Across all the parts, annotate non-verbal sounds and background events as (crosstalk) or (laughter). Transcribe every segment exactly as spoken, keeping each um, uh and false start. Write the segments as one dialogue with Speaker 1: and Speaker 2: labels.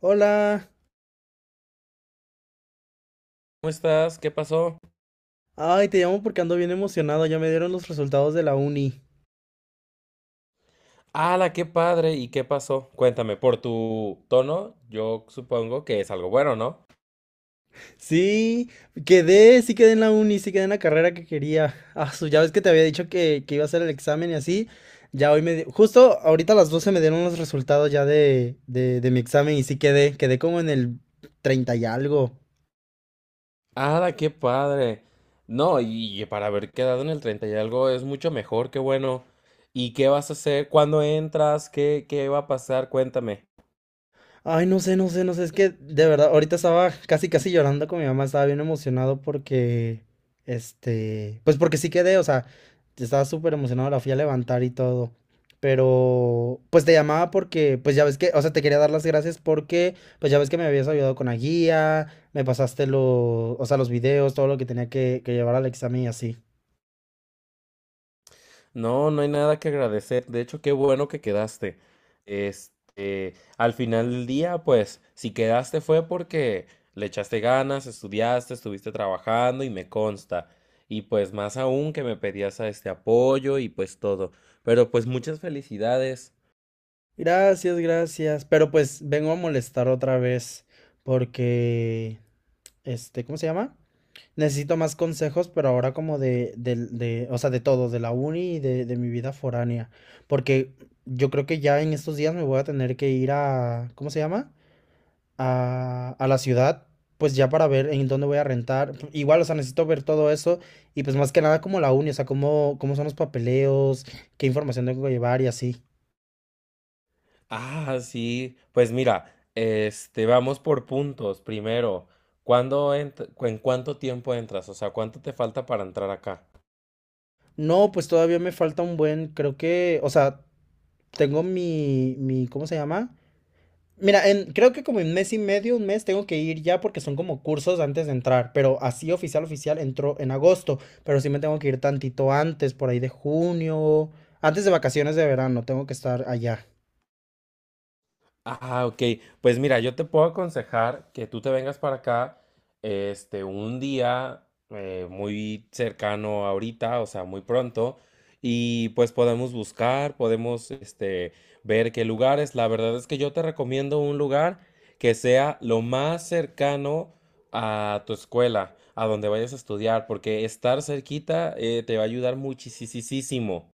Speaker 1: Hola.
Speaker 2: ¿Cómo estás? ¿Qué pasó?
Speaker 1: Ay, te llamo porque ando bien emocionado. Ya me dieron los resultados de la uni.
Speaker 2: ¡Hala, qué padre! ¿Y qué pasó? Cuéntame, por tu tono, yo supongo que es algo bueno, ¿no?
Speaker 1: Sí, quedé, sí quedé en la uni, sí quedé en la carrera que quería. Ah, su, ya ves que te había dicho que, que iba a hacer el examen y así. Ya hoy me di- Justo ahorita a las doce me dieron los resultados ya de, de, de mi examen y sí quedé. Quedé como en el treinta y algo.
Speaker 2: ¡Hala, qué padre! No, y y para haber quedado en el treinta y algo es mucho mejor, qué bueno. ¿Y qué vas a hacer? ¿Cuándo entras? ¿Qué, qué va a pasar? Cuéntame.
Speaker 1: Ay, no sé, no sé, no sé, es que de verdad, ahorita estaba casi, casi llorando con mi mamá, estaba bien emocionado porque, este, pues porque sí quedé, o sea, estaba súper emocionado, la fui a levantar y todo, pero pues te llamaba porque, pues ya ves que, o sea, te quería dar las gracias porque, pues ya ves que me habías ayudado con la guía, me pasaste los, o sea, los videos, todo lo que tenía que, que llevar al examen y así.
Speaker 2: No, no hay nada que agradecer. De hecho, qué bueno que quedaste. Este, al final del día, pues, si quedaste fue porque le echaste ganas, estudiaste, estuviste trabajando y me consta. Y pues más aún que me pedías a este apoyo y pues todo. Pero pues muchas felicidades.
Speaker 1: Gracias, gracias, pero pues vengo a molestar otra vez porque, este, ¿cómo se llama? Necesito más consejos, pero ahora como de, del- de, o sea, de todo, de la uni y de, de mi vida foránea. Porque yo creo que ya en estos días me voy a tener que ir a, ¿cómo se llama? A, a la ciudad, pues ya para ver en dónde voy a rentar. Igual, o sea, necesito ver todo eso y pues más que nada como la uni, o sea, cómo, cómo son los papeleos, qué información tengo que llevar y así.
Speaker 2: Ah, sí. Pues mira, este, vamos por puntos. Primero, ¿cuándo ent- cu- ¿en cuánto tiempo entras? O sea, ¿cuánto te falta para entrar acá?
Speaker 1: No, pues todavía me falta un buen, creo que, o sea, tengo mi, mi, ¿cómo se llama? Mira, en, creo que como en mes y medio, un mes, tengo que ir ya porque son como cursos antes de entrar, pero así oficial, oficial, entró en agosto, pero sí me tengo que ir tantito antes, por ahí de junio, antes de vacaciones de verano, tengo que estar allá.
Speaker 2: Ah, ok. Pues mira, yo te puedo aconsejar que tú te vengas para acá, este, un día eh, muy cercano ahorita, o sea, muy pronto, y pues podemos buscar, podemos, este, ver qué lugares. La verdad es que yo te recomiendo un lugar que sea lo más cercano a tu escuela, a donde vayas a estudiar, porque estar cerquita eh, te va a ayudar muchísimo.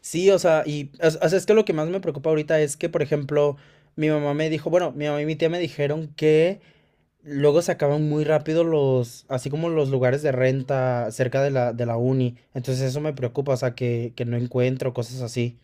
Speaker 1: Sí, o sea, y as- as- es que lo que más me preocupa ahorita es que, por ejemplo, mi mamá me dijo, bueno, mi mamá y mi tía me dijeron que luego se acaban muy rápido los, así como los lugares de renta cerca de la, de la uni, entonces eso me preocupa, o sea, que, que no encuentro cosas así.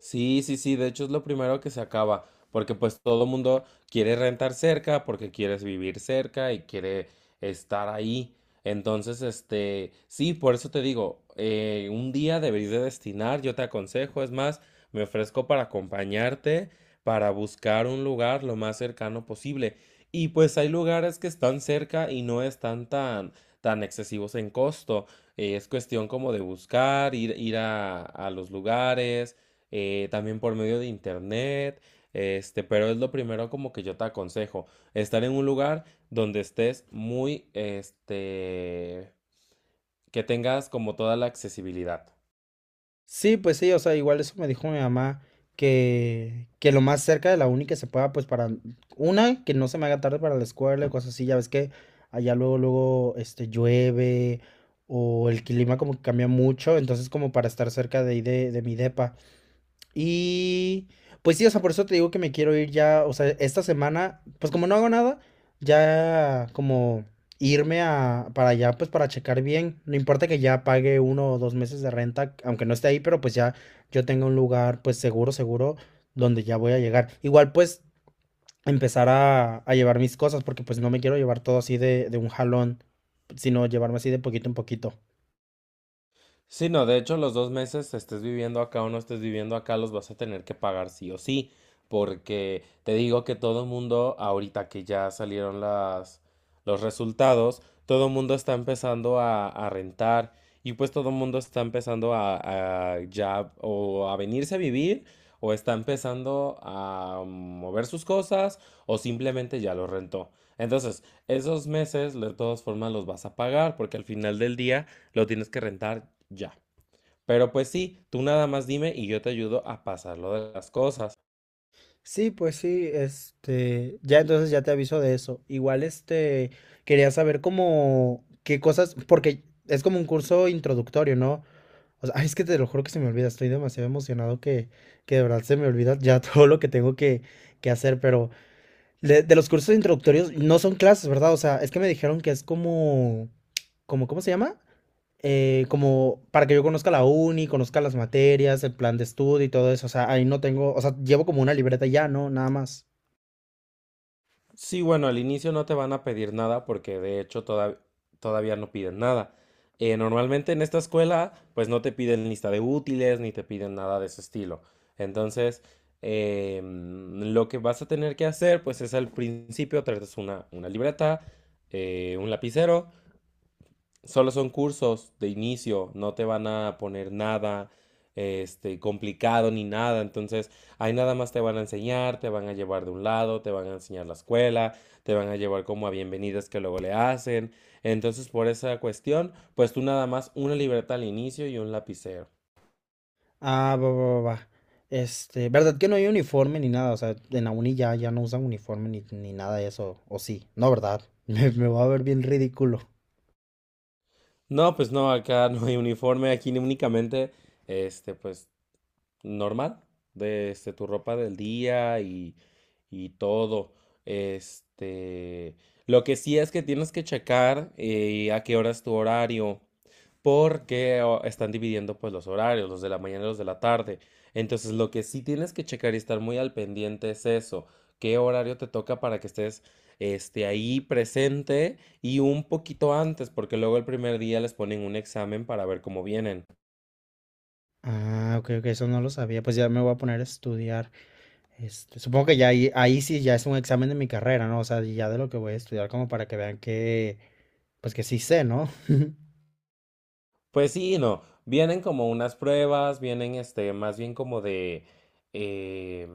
Speaker 2: Sí, sí, sí, de hecho es lo primero que se acaba, porque pues todo mundo quiere rentar cerca, porque quieres vivir cerca y quiere estar ahí. Entonces, este, sí, por eso te digo, eh, un día deberías de destinar, yo te aconsejo, es más, me ofrezco para acompañarte, para buscar un lugar lo más cercano posible. Y pues hay lugares que están cerca y no están tan, tan excesivos en costo. Eh, es cuestión como de buscar, ir, ir a a los lugares eh, también por medio de internet, este, pero es lo primero como que yo te aconsejo, estar en un lugar donde estés muy, este, que tengas como toda la accesibilidad.
Speaker 1: Sí, pues sí, o sea, igual eso me dijo mi mamá, que, que lo más cerca de la uni que se pueda, pues para, una, que no se me haga tarde para la escuela y cosas así, ya ves que allá luego, luego, este, llueve o el clima como que cambia mucho, entonces como para estar cerca de ahí de, de mi depa. Y pues sí, o sea, por eso te digo que me quiero ir ya, o sea, esta semana, pues como no hago nada, ya como irme a para allá, pues para checar bien. No importa que ya pague uno o dos meses de renta, aunque no esté ahí, pero pues ya yo tenga un lugar, pues seguro, seguro, donde ya voy a llegar. Igual pues empezar a, a llevar mis cosas, porque pues no me quiero llevar todo así de, de un jalón, sino llevarme así de poquito en poquito.
Speaker 2: Sí, no, de hecho los dos meses estés viviendo acá o no estés viviendo acá los vas a tener que pagar sí o sí, porque te digo que todo el mundo, ahorita que ya salieron las, los resultados, todo el mundo está empezando a, a rentar y pues todo el mundo está empezando a, a ya o a venirse a vivir o está empezando a mover sus cosas o simplemente ya lo rentó. Entonces, esos meses de todas formas los vas a pagar porque al final del día lo tienes que rentar ya. Pero pues sí, tú nada más dime y yo te ayudo a pasar lo de las cosas.
Speaker 1: Sí, pues sí, este, ya entonces ya te aviso de eso. Igual, este, quería saber cómo, qué cosas, porque es como un curso introductorio, ¿no? O sea, ay, es que te lo juro que se me olvida, estoy demasiado emocionado que, que de verdad se me olvida ya (laughs) todo lo que tengo que, que hacer, pero de, de los cursos introductorios no son clases, ¿verdad? O sea, es que me dijeron que es como, como, ¿cómo se llama? Eh, como para que yo conozca la uni, conozca las materias, el plan de estudio y todo eso. O sea, ahí no tengo, o sea, llevo como una libreta y ya, ¿no? Nada más.
Speaker 2: Sí, bueno, al inicio no te van a pedir nada porque de hecho todav- todavía no piden nada. Eh, normalmente en esta escuela pues no te piden lista de útiles ni te piden nada de ese estilo. Entonces, eh, mm, lo que vas a tener que hacer pues es al principio traes una, una libreta, eh, un lapicero. Solo son cursos de inicio, no te van a poner nada este complicado ni nada, entonces ahí nada más te van a enseñar, te van a llevar de un lado, te van a enseñar la escuela, te van a llevar como a bienvenidas que luego le hacen. Entonces, por esa cuestión, pues tú nada más una libreta al inicio y un lapicero.
Speaker 1: Ah, va, va, va, va. Este, ¿verdad que no hay uniforme ni nada? O sea, en la uni ya, ya no usan uniforme ni, ni nada de eso. O sí, no, ¿verdad? (laughs) Me, me voy a ver bien ridículo.
Speaker 2: No, pues no, acá no hay uniforme, aquí únicamente este pues normal, de este, tu ropa del día y, y todo. Este, lo que sí es que tienes que checar eh, a qué hora es tu horario, porque o- están dividiendo pues los horarios, los de la mañana y los de la tarde. Entonces, lo que sí tienes que checar y estar muy al pendiente es eso, qué horario te toca para que estés este, ahí presente y un poquito antes, porque luego el primer día les ponen un examen para ver cómo vienen.
Speaker 1: Ah, ok, ok, eso no lo sabía. Pues ya me voy a poner a estudiar. Este, supongo que ya ahí, ahí sí ya es un examen de mi carrera, ¿no? O sea, ya de lo que voy a estudiar como para que vean que, pues que sí sé, ¿no?
Speaker 2: Pues sí, y no. Vienen como unas pruebas, vienen este, más bien como de, eh,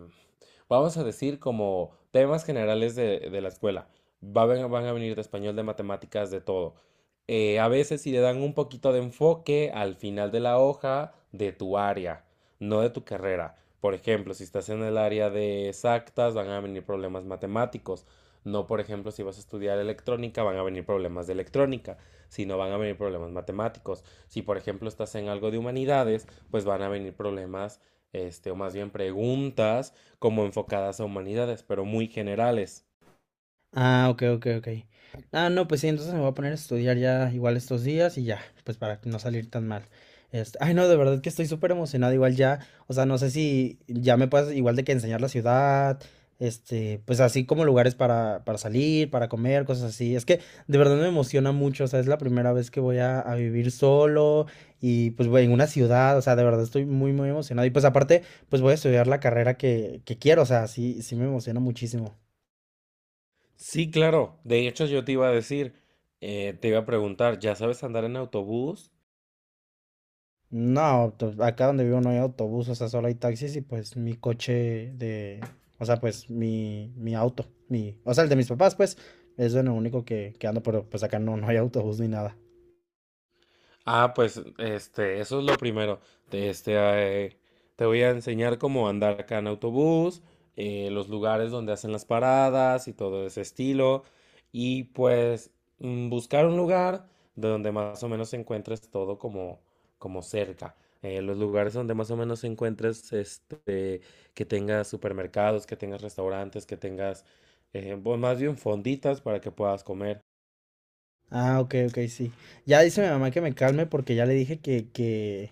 Speaker 2: vamos a decir, como temas generales de, de la escuela. Va a ven- van a venir de español, de matemáticas, de todo. Eh, a veces sí le dan un poquito de enfoque al final de la hoja de tu área, no de tu carrera. Por ejemplo, si estás en el área de exactas, van a venir problemas matemáticos. No, por ejemplo, si vas a estudiar electrónica, van a venir problemas de electrónica, sino van a venir problemas matemáticos. Si, por ejemplo, estás en algo de humanidades, pues van a venir problemas, este, o más bien preguntas como enfocadas a humanidades, pero muy generales.
Speaker 1: Ah, ok, ok, ok. Ah, no, pues sí, entonces me voy a poner a estudiar ya igual estos días y ya, pues para no salir tan mal. Este, ay, no, de verdad que estoy súper emocionado igual ya, o sea, no sé si ya me puedas igual de que enseñar la ciudad, este, pues así como lugares para, para salir, para comer, cosas así. Es que de verdad me emociona mucho, o sea, es la primera vez que voy a, a vivir solo y pues voy en una ciudad, o sea, de verdad estoy muy, muy emocionado. Y pues aparte, pues voy a estudiar la carrera que, que quiero, o sea, sí, sí me emociona muchísimo.
Speaker 2: Sí, claro. De hecho, yo te iba a decir, eh, te iba a preguntar, ¿ya sabes andar en autobús?
Speaker 1: No, to- acá donde vivo no hay autobús, o sea, solo hay taxis y pues mi coche de, o sea, pues mi, mi auto, mi, o sea, el de mis papás, pues, es lo único que, que ando, pero pues acá no, no hay autobús ni nada.
Speaker 2: Ah, pues este, eso es lo primero. Te- Este, eh, te voy a enseñar cómo andar acá en autobús, eh, los lugares donde hacen las paradas y todo ese estilo. Y pues mm, buscar un lugar de donde más o menos encuentres todo como, como cerca. Eh, los lugares donde más o menos encuentres este, que tengas supermercados, que tengas restaurantes, que tengas, eh, bu- más bien fonditas para que puedas comer.
Speaker 1: Ah, ok, ok, sí. Ya dice mi mamá que me calme porque ya le dije que, que,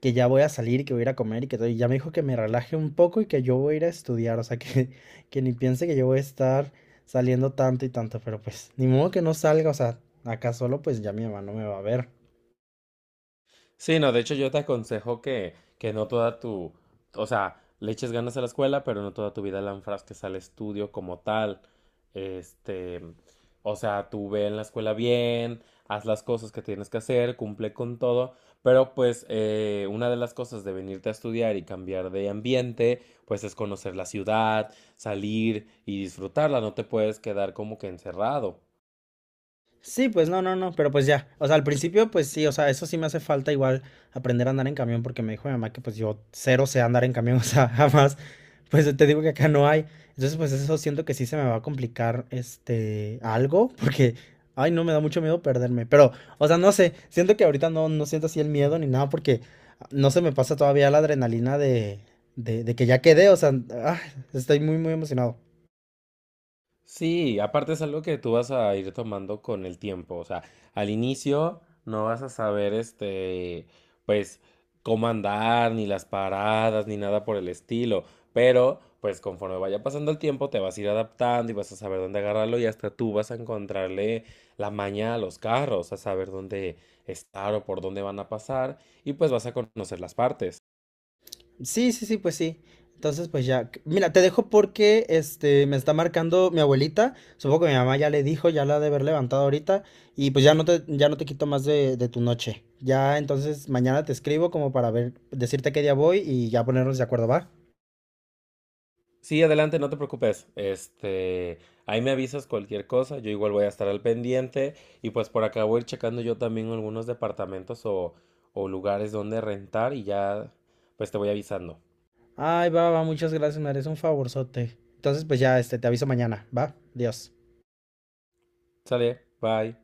Speaker 1: que ya voy a salir y que voy a ir a comer y que todo, y ya me dijo que me relaje un poco y que yo voy a ir a estudiar, o sea, que, que ni piense que yo voy a estar saliendo tanto y tanto, pero pues, ni modo que no salga, o sea, acá solo pues ya mi mamá no me va a ver.
Speaker 2: Sí, no, de hecho yo te aconsejo que, que no toda tu, o sea, le eches ganas a la escuela, pero no toda tu vida la enfrasques al estudio como tal. Este, o sea, tú ve en la escuela bien, haz las cosas que tienes que hacer, cumple con todo, pero pues eh, una de las cosas de venirte a estudiar y cambiar de ambiente, pues es conocer la ciudad, salir y disfrutarla, no te puedes quedar como que encerrado.
Speaker 1: Sí, pues no, no, no, pero pues ya, o sea, al principio pues sí, o sea, eso sí me hace falta igual aprender a andar en camión porque me dijo mi mamá que pues yo cero sé andar en camión, (laughs) o sea, jamás, pues te digo que acá no hay, entonces pues eso siento que sí se me va a complicar este algo (laughs) porque, ay, no, me da mucho miedo perderme, pero, o sea, no sé, siento que ahorita no, no siento así el miedo ni nada porque no se me pasa todavía la adrenalina de, de, de que ya quedé, o sea, ah, estoy muy, muy emocionado.
Speaker 2: Sí, aparte es algo que tú vas a ir tomando con el tiempo. O sea, al inicio no vas a saber, este, pues, cómo andar, ni las paradas, ni nada por el estilo. Pero, pues, conforme vaya pasando el tiempo, te vas a ir adaptando y vas a saber dónde agarrarlo y hasta tú vas a encontrarle la maña a los carros, a saber dónde estar o por dónde van a pasar y pues vas a conocer las partes.
Speaker 1: Sí, sí, sí, pues sí. Entonces, pues ya, c- mira, te dejo porque este me está marcando mi abuelita. Supongo que mi mamá ya le dijo, ya la ha de haber levantado ahorita. Y pues ya no te, ya no te quito más de, de tu noche. Ya, entonces mañana te escribo como para ver, decirte qué día voy y ya ponernos de acuerdo, ¿va?
Speaker 2: Sí, adelante, no te preocupes. Este, ahí me avisas cualquier cosa, yo igual voy a estar al pendiente y pues por acá voy a ir checando yo también algunos departamentos o, o lugares donde rentar y ya pues te voy avisando.
Speaker 1: Ay, va, va, muchas gracias, me eres un favorzote. Entonces, pues ya, este, te aviso mañana, ¿va? Adiós.
Speaker 2: Sale, bye.